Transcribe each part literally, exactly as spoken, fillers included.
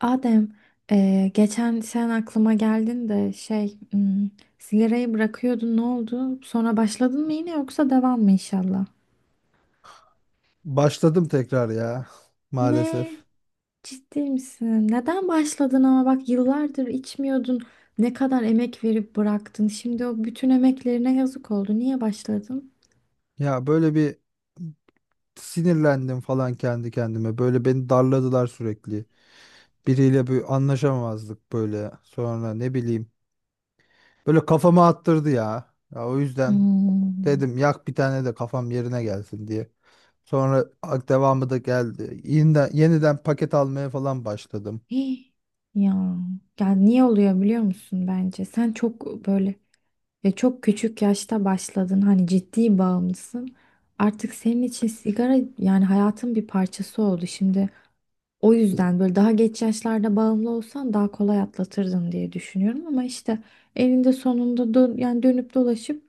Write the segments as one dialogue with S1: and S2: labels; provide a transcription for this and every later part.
S1: Adem, eee, geçen sen aklıma geldin de şey, hmm, sigarayı bırakıyordun, ne oldu? Sonra başladın mı yine, yoksa devam mı inşallah?
S2: Başladım tekrar ya maalesef.
S1: Ne? Ciddi misin? Neden başladın? Ama bak, yıllardır içmiyordun. Ne kadar emek verip bıraktın. Şimdi o bütün emeklerine yazık oldu. Niye başladın?
S2: Ya böyle bir sinirlendim falan kendi kendime. Böyle beni darladılar sürekli. Biriyle bir anlaşamamazlık böyle. Sonra ne bileyim. Böyle kafama attırdı ya. Ya o yüzden
S1: Hmm.
S2: dedim yak bir tane de kafam yerine gelsin diye. Sonra ak- devamı da geldi. Yeniden, yeniden paket almaya falan başladım.
S1: Hih. Ya, ya niye oluyor biliyor musun bence? Sen çok böyle... Ve çok küçük yaşta başladın, hani ciddi bağımlısın. Artık senin için sigara yani hayatın bir parçası oldu. Şimdi o yüzden böyle daha geç yaşlarda bağımlı olsan daha kolay atlatırdın diye düşünüyorum. Ama işte elinde sonunda dö- yani dönüp dolaşıp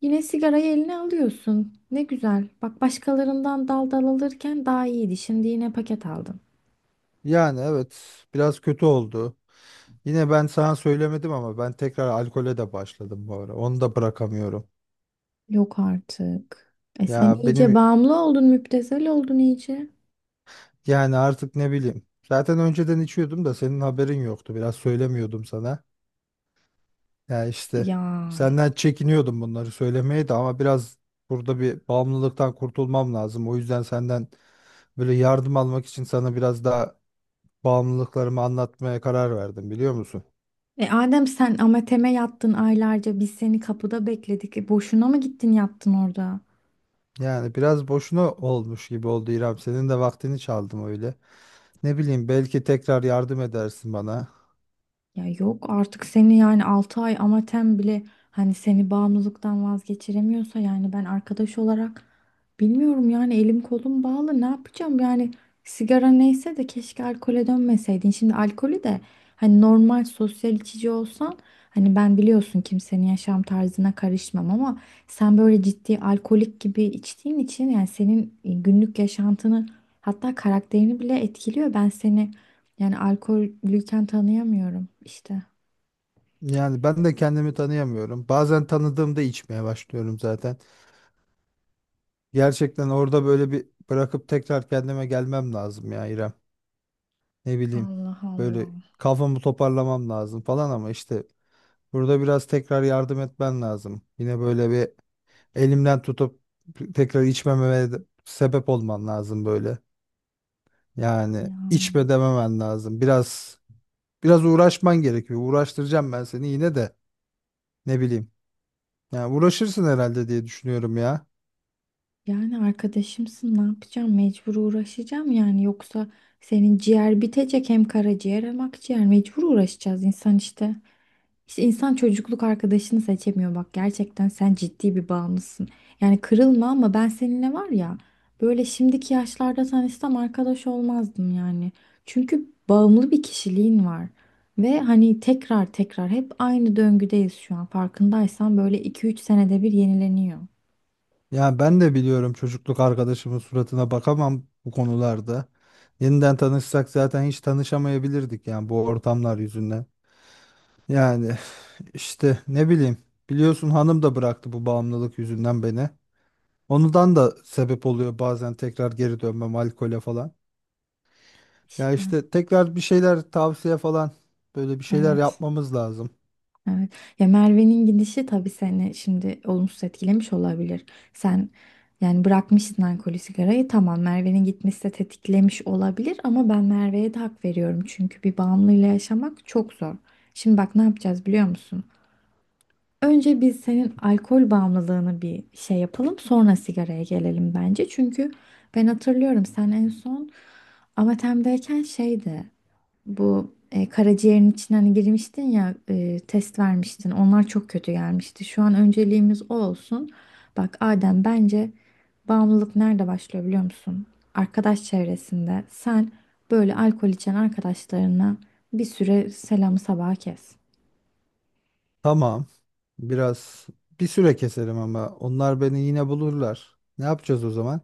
S1: yine sigarayı eline alıyorsun. Ne güzel. Bak, başkalarından dal dal alırken daha iyiydi. Şimdi yine paket aldın.
S2: Yani evet biraz kötü oldu. Yine ben sana söylemedim ama ben tekrar alkole de başladım bu ara. Onu da bırakamıyorum.
S1: Yok artık. E sen
S2: Ya
S1: iyice
S2: benim
S1: bağımlı oldun, müptezel oldun iyice.
S2: yani artık ne bileyim. Zaten önceden içiyordum da senin haberin yoktu. Biraz söylemiyordum sana. Ya işte
S1: Ya.
S2: senden çekiniyordum bunları söylemeye de ama biraz burada bir bağımlılıktan kurtulmam lazım. O yüzden senden böyle yardım almak için sana biraz daha bağımlılıklarımı anlatmaya karar verdim biliyor musun?
S1: E Adem, sen Amatem'e yattın aylarca, biz seni kapıda bekledik. E boşuna mı gittin yattın orada?
S2: Yani biraz boşuna olmuş gibi oldu İrem. Senin de vaktini çaldım öyle. Ne bileyim belki tekrar yardım edersin bana.
S1: Ya yok artık, seni yani altı ay amatem bile hani seni bağımlılıktan vazgeçiremiyorsa yani ben arkadaş olarak bilmiyorum yani, elim kolum bağlı, ne yapacağım yani? Sigara neyse de keşke alkole dönmeseydin. Şimdi alkolü de hani normal sosyal içici olsan, hani ben biliyorsun kimsenin yaşam tarzına karışmam ama sen böyle ciddi alkolik gibi içtiğin için yani senin e, günlük yaşantını, hatta karakterini bile etkiliyor. Ben seni yani alkollüyken tanıyamıyorum işte.
S2: Yani ben de kendimi tanıyamıyorum. Bazen tanıdığımda içmeye başlıyorum zaten. Gerçekten orada böyle bir bırakıp tekrar kendime gelmem lazım ya İrem. Ne bileyim
S1: Allah
S2: böyle
S1: Allah.
S2: kafamı toparlamam lazım falan ama işte burada biraz tekrar yardım etmen lazım. Yine böyle bir elimden tutup tekrar içmememe de sebep olman lazım böyle. Yani
S1: Ya.
S2: içme dememen lazım. Biraz biraz uğraşman gerekiyor. Uğraştıracağım ben seni yine de ne bileyim. Yani uğraşırsın herhalde diye düşünüyorum ya.
S1: Yani arkadaşımsın, ne yapacağım? Mecbur uğraşacağım yani. Yoksa senin ciğer bitecek, hem karaciğer hem akciğer. Mecbur uğraşacağız, insan işte. İşte insan çocukluk arkadaşını seçemiyor, bak gerçekten sen ciddi bir bağımlısın. Yani kırılma ama ben seninle var ya böyle şimdiki yaşlarda tanışsam arkadaş olmazdım yani. Çünkü bağımlı bir kişiliğin var. Ve hani tekrar tekrar hep aynı döngüdeyiz şu an, farkındaysan böyle iki üç senede bir yenileniyor.
S2: Yani ben de biliyorum çocukluk arkadaşımın suratına bakamam bu konularda. Yeniden tanışsak zaten hiç tanışamayabilirdik yani bu ortamlar yüzünden. Yani işte ne bileyim biliyorsun hanım da bıraktı bu bağımlılık yüzünden beni. Ondan da sebep oluyor bazen tekrar geri dönmem alkole falan. Ya
S1: İşte
S2: işte tekrar bir şeyler tavsiye falan böyle bir şeyler
S1: evet.
S2: yapmamız lazım.
S1: Evet. Ya Merve'nin gidişi tabii seni şimdi olumsuz etkilemiş olabilir. Sen yani bırakmışsın alkolü sigarayı, tamam Merve'nin gitmesi de tetiklemiş olabilir ama ben Merve'ye de hak veriyorum. Çünkü bir bağımlıyla yaşamak çok zor. Şimdi bak, ne yapacağız biliyor musun? Önce biz senin alkol bağımlılığını bir şey yapalım, sonra sigaraya gelelim bence. Çünkü ben hatırlıyorum, sen en son Amatem'deyken şeydi. Bu e, karaciğerin içine hani girmiştin ya, e, test vermiştin. Onlar çok kötü gelmişti. Şu an önceliğimiz o olsun. Bak Adem, bence bağımlılık nerede başlıyor biliyor musun? Arkadaş çevresinde. Sen böyle alkol içen arkadaşlarına bir süre selamı sabaha kes.
S2: Tamam, biraz bir süre keserim ama onlar beni yine bulurlar. Ne yapacağız o zaman?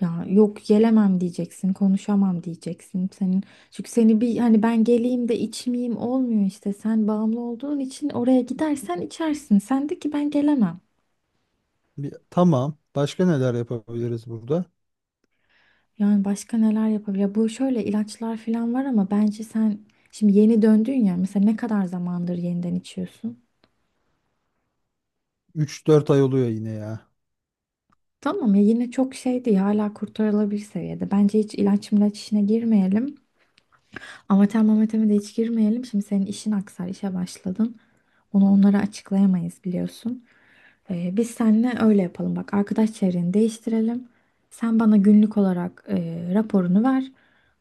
S1: Ya yok gelemem diyeceksin, konuşamam diyeceksin. Senin çünkü seni bir hani ben geleyim de içmeyeyim olmuyor işte. Sen bağımlı olduğun için oraya gidersen içersin. Sen de ki ben gelemem.
S2: Bir, tamam. Başka neler yapabiliriz burada?
S1: Yani başka neler yapabilir? Bu şöyle ilaçlar falan var ama bence sen şimdi yeni döndün ya, mesela ne kadar zamandır yeniden içiyorsun?
S2: Üç dört ay oluyor yine ya.
S1: Tamam ya, yine çok şey değil, hala kurtarılabilir seviyede. Bence hiç ilaç milaç işine girmeyelim. Amatör mamateme de hiç girmeyelim. Şimdi senin işin aksar, işe başladın. Onu onlara açıklayamayız biliyorsun. Ee, biz seninle öyle yapalım. Bak, arkadaş çevreni değiştirelim. Sen bana günlük olarak e, raporunu ver.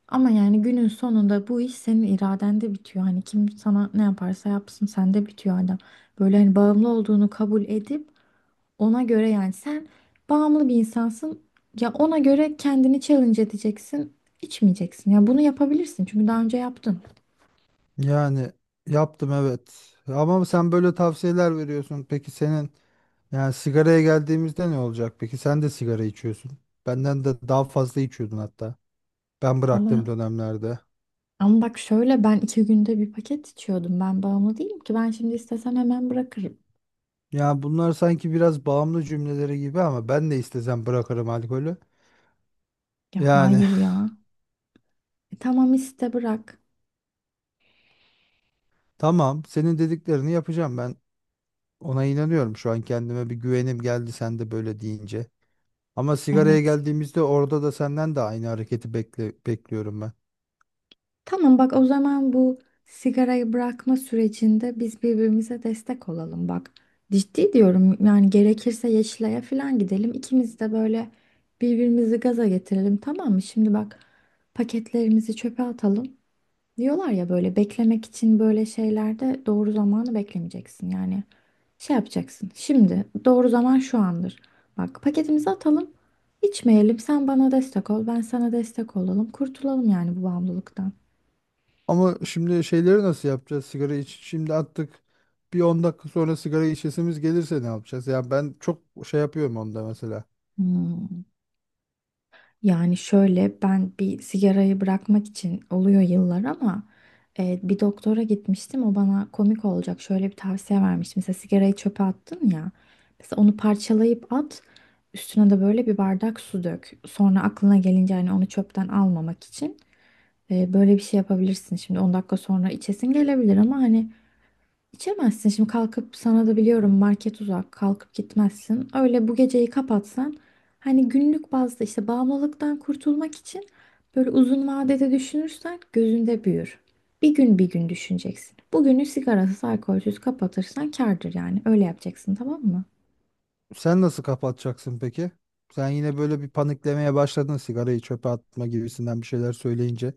S1: Ama yani günün sonunda bu iş senin iradende bitiyor. Hani kim sana ne yaparsa yapsın sende bitiyor adam. Böyle hani bağımlı olduğunu kabul edip ona göre yani sen bağımlı bir insansın. Ya ona göre kendini challenge edeceksin. İçmeyeceksin. Ya bunu yapabilirsin çünkü daha önce yaptın.
S2: Yani yaptım, evet. Ama sen böyle tavsiyeler veriyorsun. Peki senin yani sigaraya geldiğimizde ne olacak? Peki sen de sigara içiyorsun. Benden de daha fazla içiyordun hatta. Ben bıraktığım
S1: Ama
S2: dönemlerde.
S1: ama bak şöyle, ben iki günde bir paket içiyordum. Ben bağımlı değilim ki. Ben şimdi istesem hemen bırakırım.
S2: Ya bunlar sanki biraz bağımlı cümleleri gibi ama ben de istesem bırakırım alkolü.
S1: Ya
S2: Yani
S1: hayır ya. E, tamam, iste bırak.
S2: tamam, senin dediklerini yapacağım ben. Ona inanıyorum, şu an kendime bir güvenim geldi sen de böyle deyince. Ama sigaraya
S1: Evet.
S2: geldiğimizde orada da senden de aynı hareketi bekle, bekliyorum ben.
S1: Tamam bak, o zaman bu sigarayı bırakma sürecinde biz birbirimize destek olalım bak. Ciddi diyorum yani, gerekirse Yeşilay'a falan gidelim. İkimiz de böyle birbirimizi gaza getirelim, tamam mı? Şimdi bak, paketlerimizi çöpe atalım. Diyorlar ya, böyle beklemek için böyle şeylerde doğru zamanı beklemeyeceksin. Yani şey yapacaksın. Şimdi doğru zaman şu andır. Bak, paketimizi atalım. İçmeyelim. Sen bana destek ol. Ben sana destek olalım. Kurtulalım yani bu bağımlılıktan.
S2: Ama şimdi şeyleri nasıl yapacağız? Sigara iç, şimdi attık. Bir on dakika sonra sigara içesimiz gelirse ne yapacağız? Ya ben çok şey yapıyorum onda mesela.
S1: Hmm. Yani şöyle, ben bir sigarayı bırakmak için oluyor yıllar ama e, bir doktora gitmiştim, o bana komik olacak şöyle bir tavsiye vermişti. Mesela sigarayı çöpe attın ya, mesela onu parçalayıp at, üstüne de böyle bir bardak su dök. Sonra aklına gelince hani onu çöpten almamak için e, böyle bir şey yapabilirsin. Şimdi on dakika sonra içesin gelebilir ama hani İçemezsin şimdi kalkıp, sana da biliyorum market uzak, kalkıp gitmezsin. Öyle bu geceyi kapatsan hani günlük bazda işte, bağımlılıktan kurtulmak için böyle uzun vadede düşünürsen gözünde büyür. Bir gün bir gün düşüneceksin. Bugünü sigarasız alkolsüz kapatırsan kârdır, yani öyle yapacaksın, tamam mı?
S2: Sen nasıl kapatacaksın peki? Sen yine böyle bir paniklemeye başladın sigarayı çöpe atma gibisinden bir şeyler söyleyince.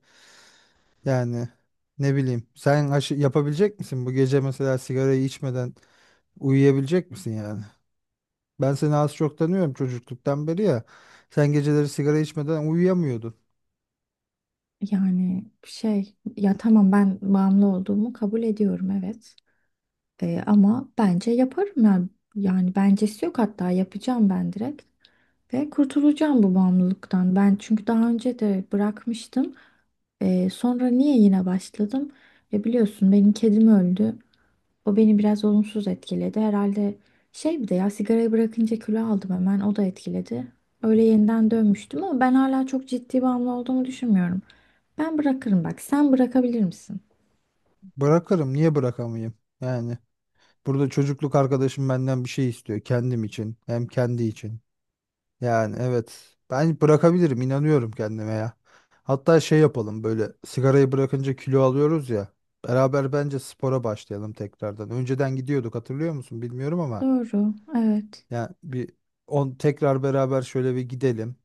S2: Yani ne bileyim. Sen aşı- yapabilecek misin bu gece mesela sigarayı içmeden uyuyabilecek misin yani? Ben seni az çok tanıyorum çocukluktan beri ya. Sen geceleri sigara içmeden uyuyamıyordun.
S1: Yani şey ya, tamam ben bağımlı olduğumu kabul ediyorum evet. Ee, ama bence yaparım yani. Yani bencesi yok, hatta yapacağım ben direkt. Ve kurtulacağım bu bağımlılıktan. Ben çünkü daha önce de bırakmıştım. Ee, sonra niye yine başladım? E biliyorsun benim kedim öldü. O beni biraz olumsuz etkiledi. Herhalde şey, bir de ya sigarayı bırakınca kilo aldım hemen. O da etkiledi. Öyle yeniden dönmüştüm ama ben hala çok ciddi bağımlı olduğumu düşünmüyorum. Ben bırakırım bak. Sen bırakabilir misin?
S2: Bırakırım. Niye bırakamayayım? Yani burada çocukluk arkadaşım benden bir şey istiyor. Kendim için. Hem kendi için. Yani evet. Ben bırakabilirim. İnanıyorum kendime ya. Hatta şey yapalım, böyle sigarayı bırakınca kilo alıyoruz ya. Beraber bence spora başlayalım tekrardan. Önceden gidiyorduk, hatırlıyor musun bilmiyorum ama.
S1: Doğru. Evet.
S2: Yani bir on tekrar beraber şöyle bir gidelim.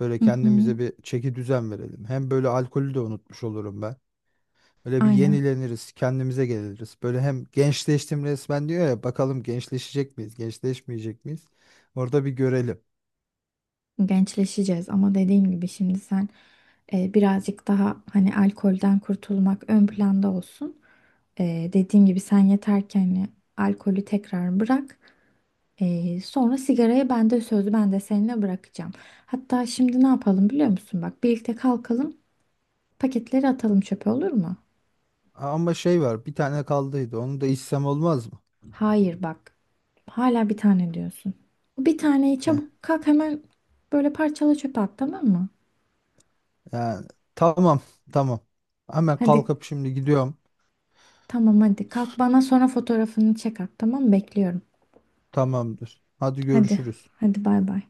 S2: Böyle
S1: Hı hı.
S2: kendimize bir çeki düzen verelim. Hem böyle alkolü de unutmuş olurum ben. Böyle bir
S1: Aynen.
S2: yenileniriz, kendimize geliriz. Böyle hem gençleştim resmen diyor ya, bakalım gençleşecek miyiz, gençleşmeyecek miyiz? Orada bir görelim.
S1: Gençleşeceğiz ama dediğim gibi şimdi sen e, birazcık daha hani alkolden kurtulmak ön planda olsun. E, dediğim gibi sen yeter ki hani alkolü tekrar bırak. E, sonra sigarayı ben de, sözü ben de seninle bırakacağım. Hatta şimdi ne yapalım biliyor musun? Bak birlikte kalkalım, paketleri atalım çöpe, olur mu?
S2: Ama şey var, bir tane kaldıydı. Onu da içsem olmaz mı?
S1: Hayır bak, hala bir tane diyorsun. Bir taneyi
S2: Heh.
S1: çabuk kalk, hemen böyle parçala çöpe at, tamam mı?
S2: Yani tamam, tamam. Hemen
S1: Hadi.
S2: kalkıp şimdi gidiyorum.
S1: Tamam hadi kalk, bana sonra fotoğrafını çek at, tamam mı? Bekliyorum.
S2: Tamamdır. Hadi
S1: Hadi,
S2: görüşürüz.
S1: hadi bay bay.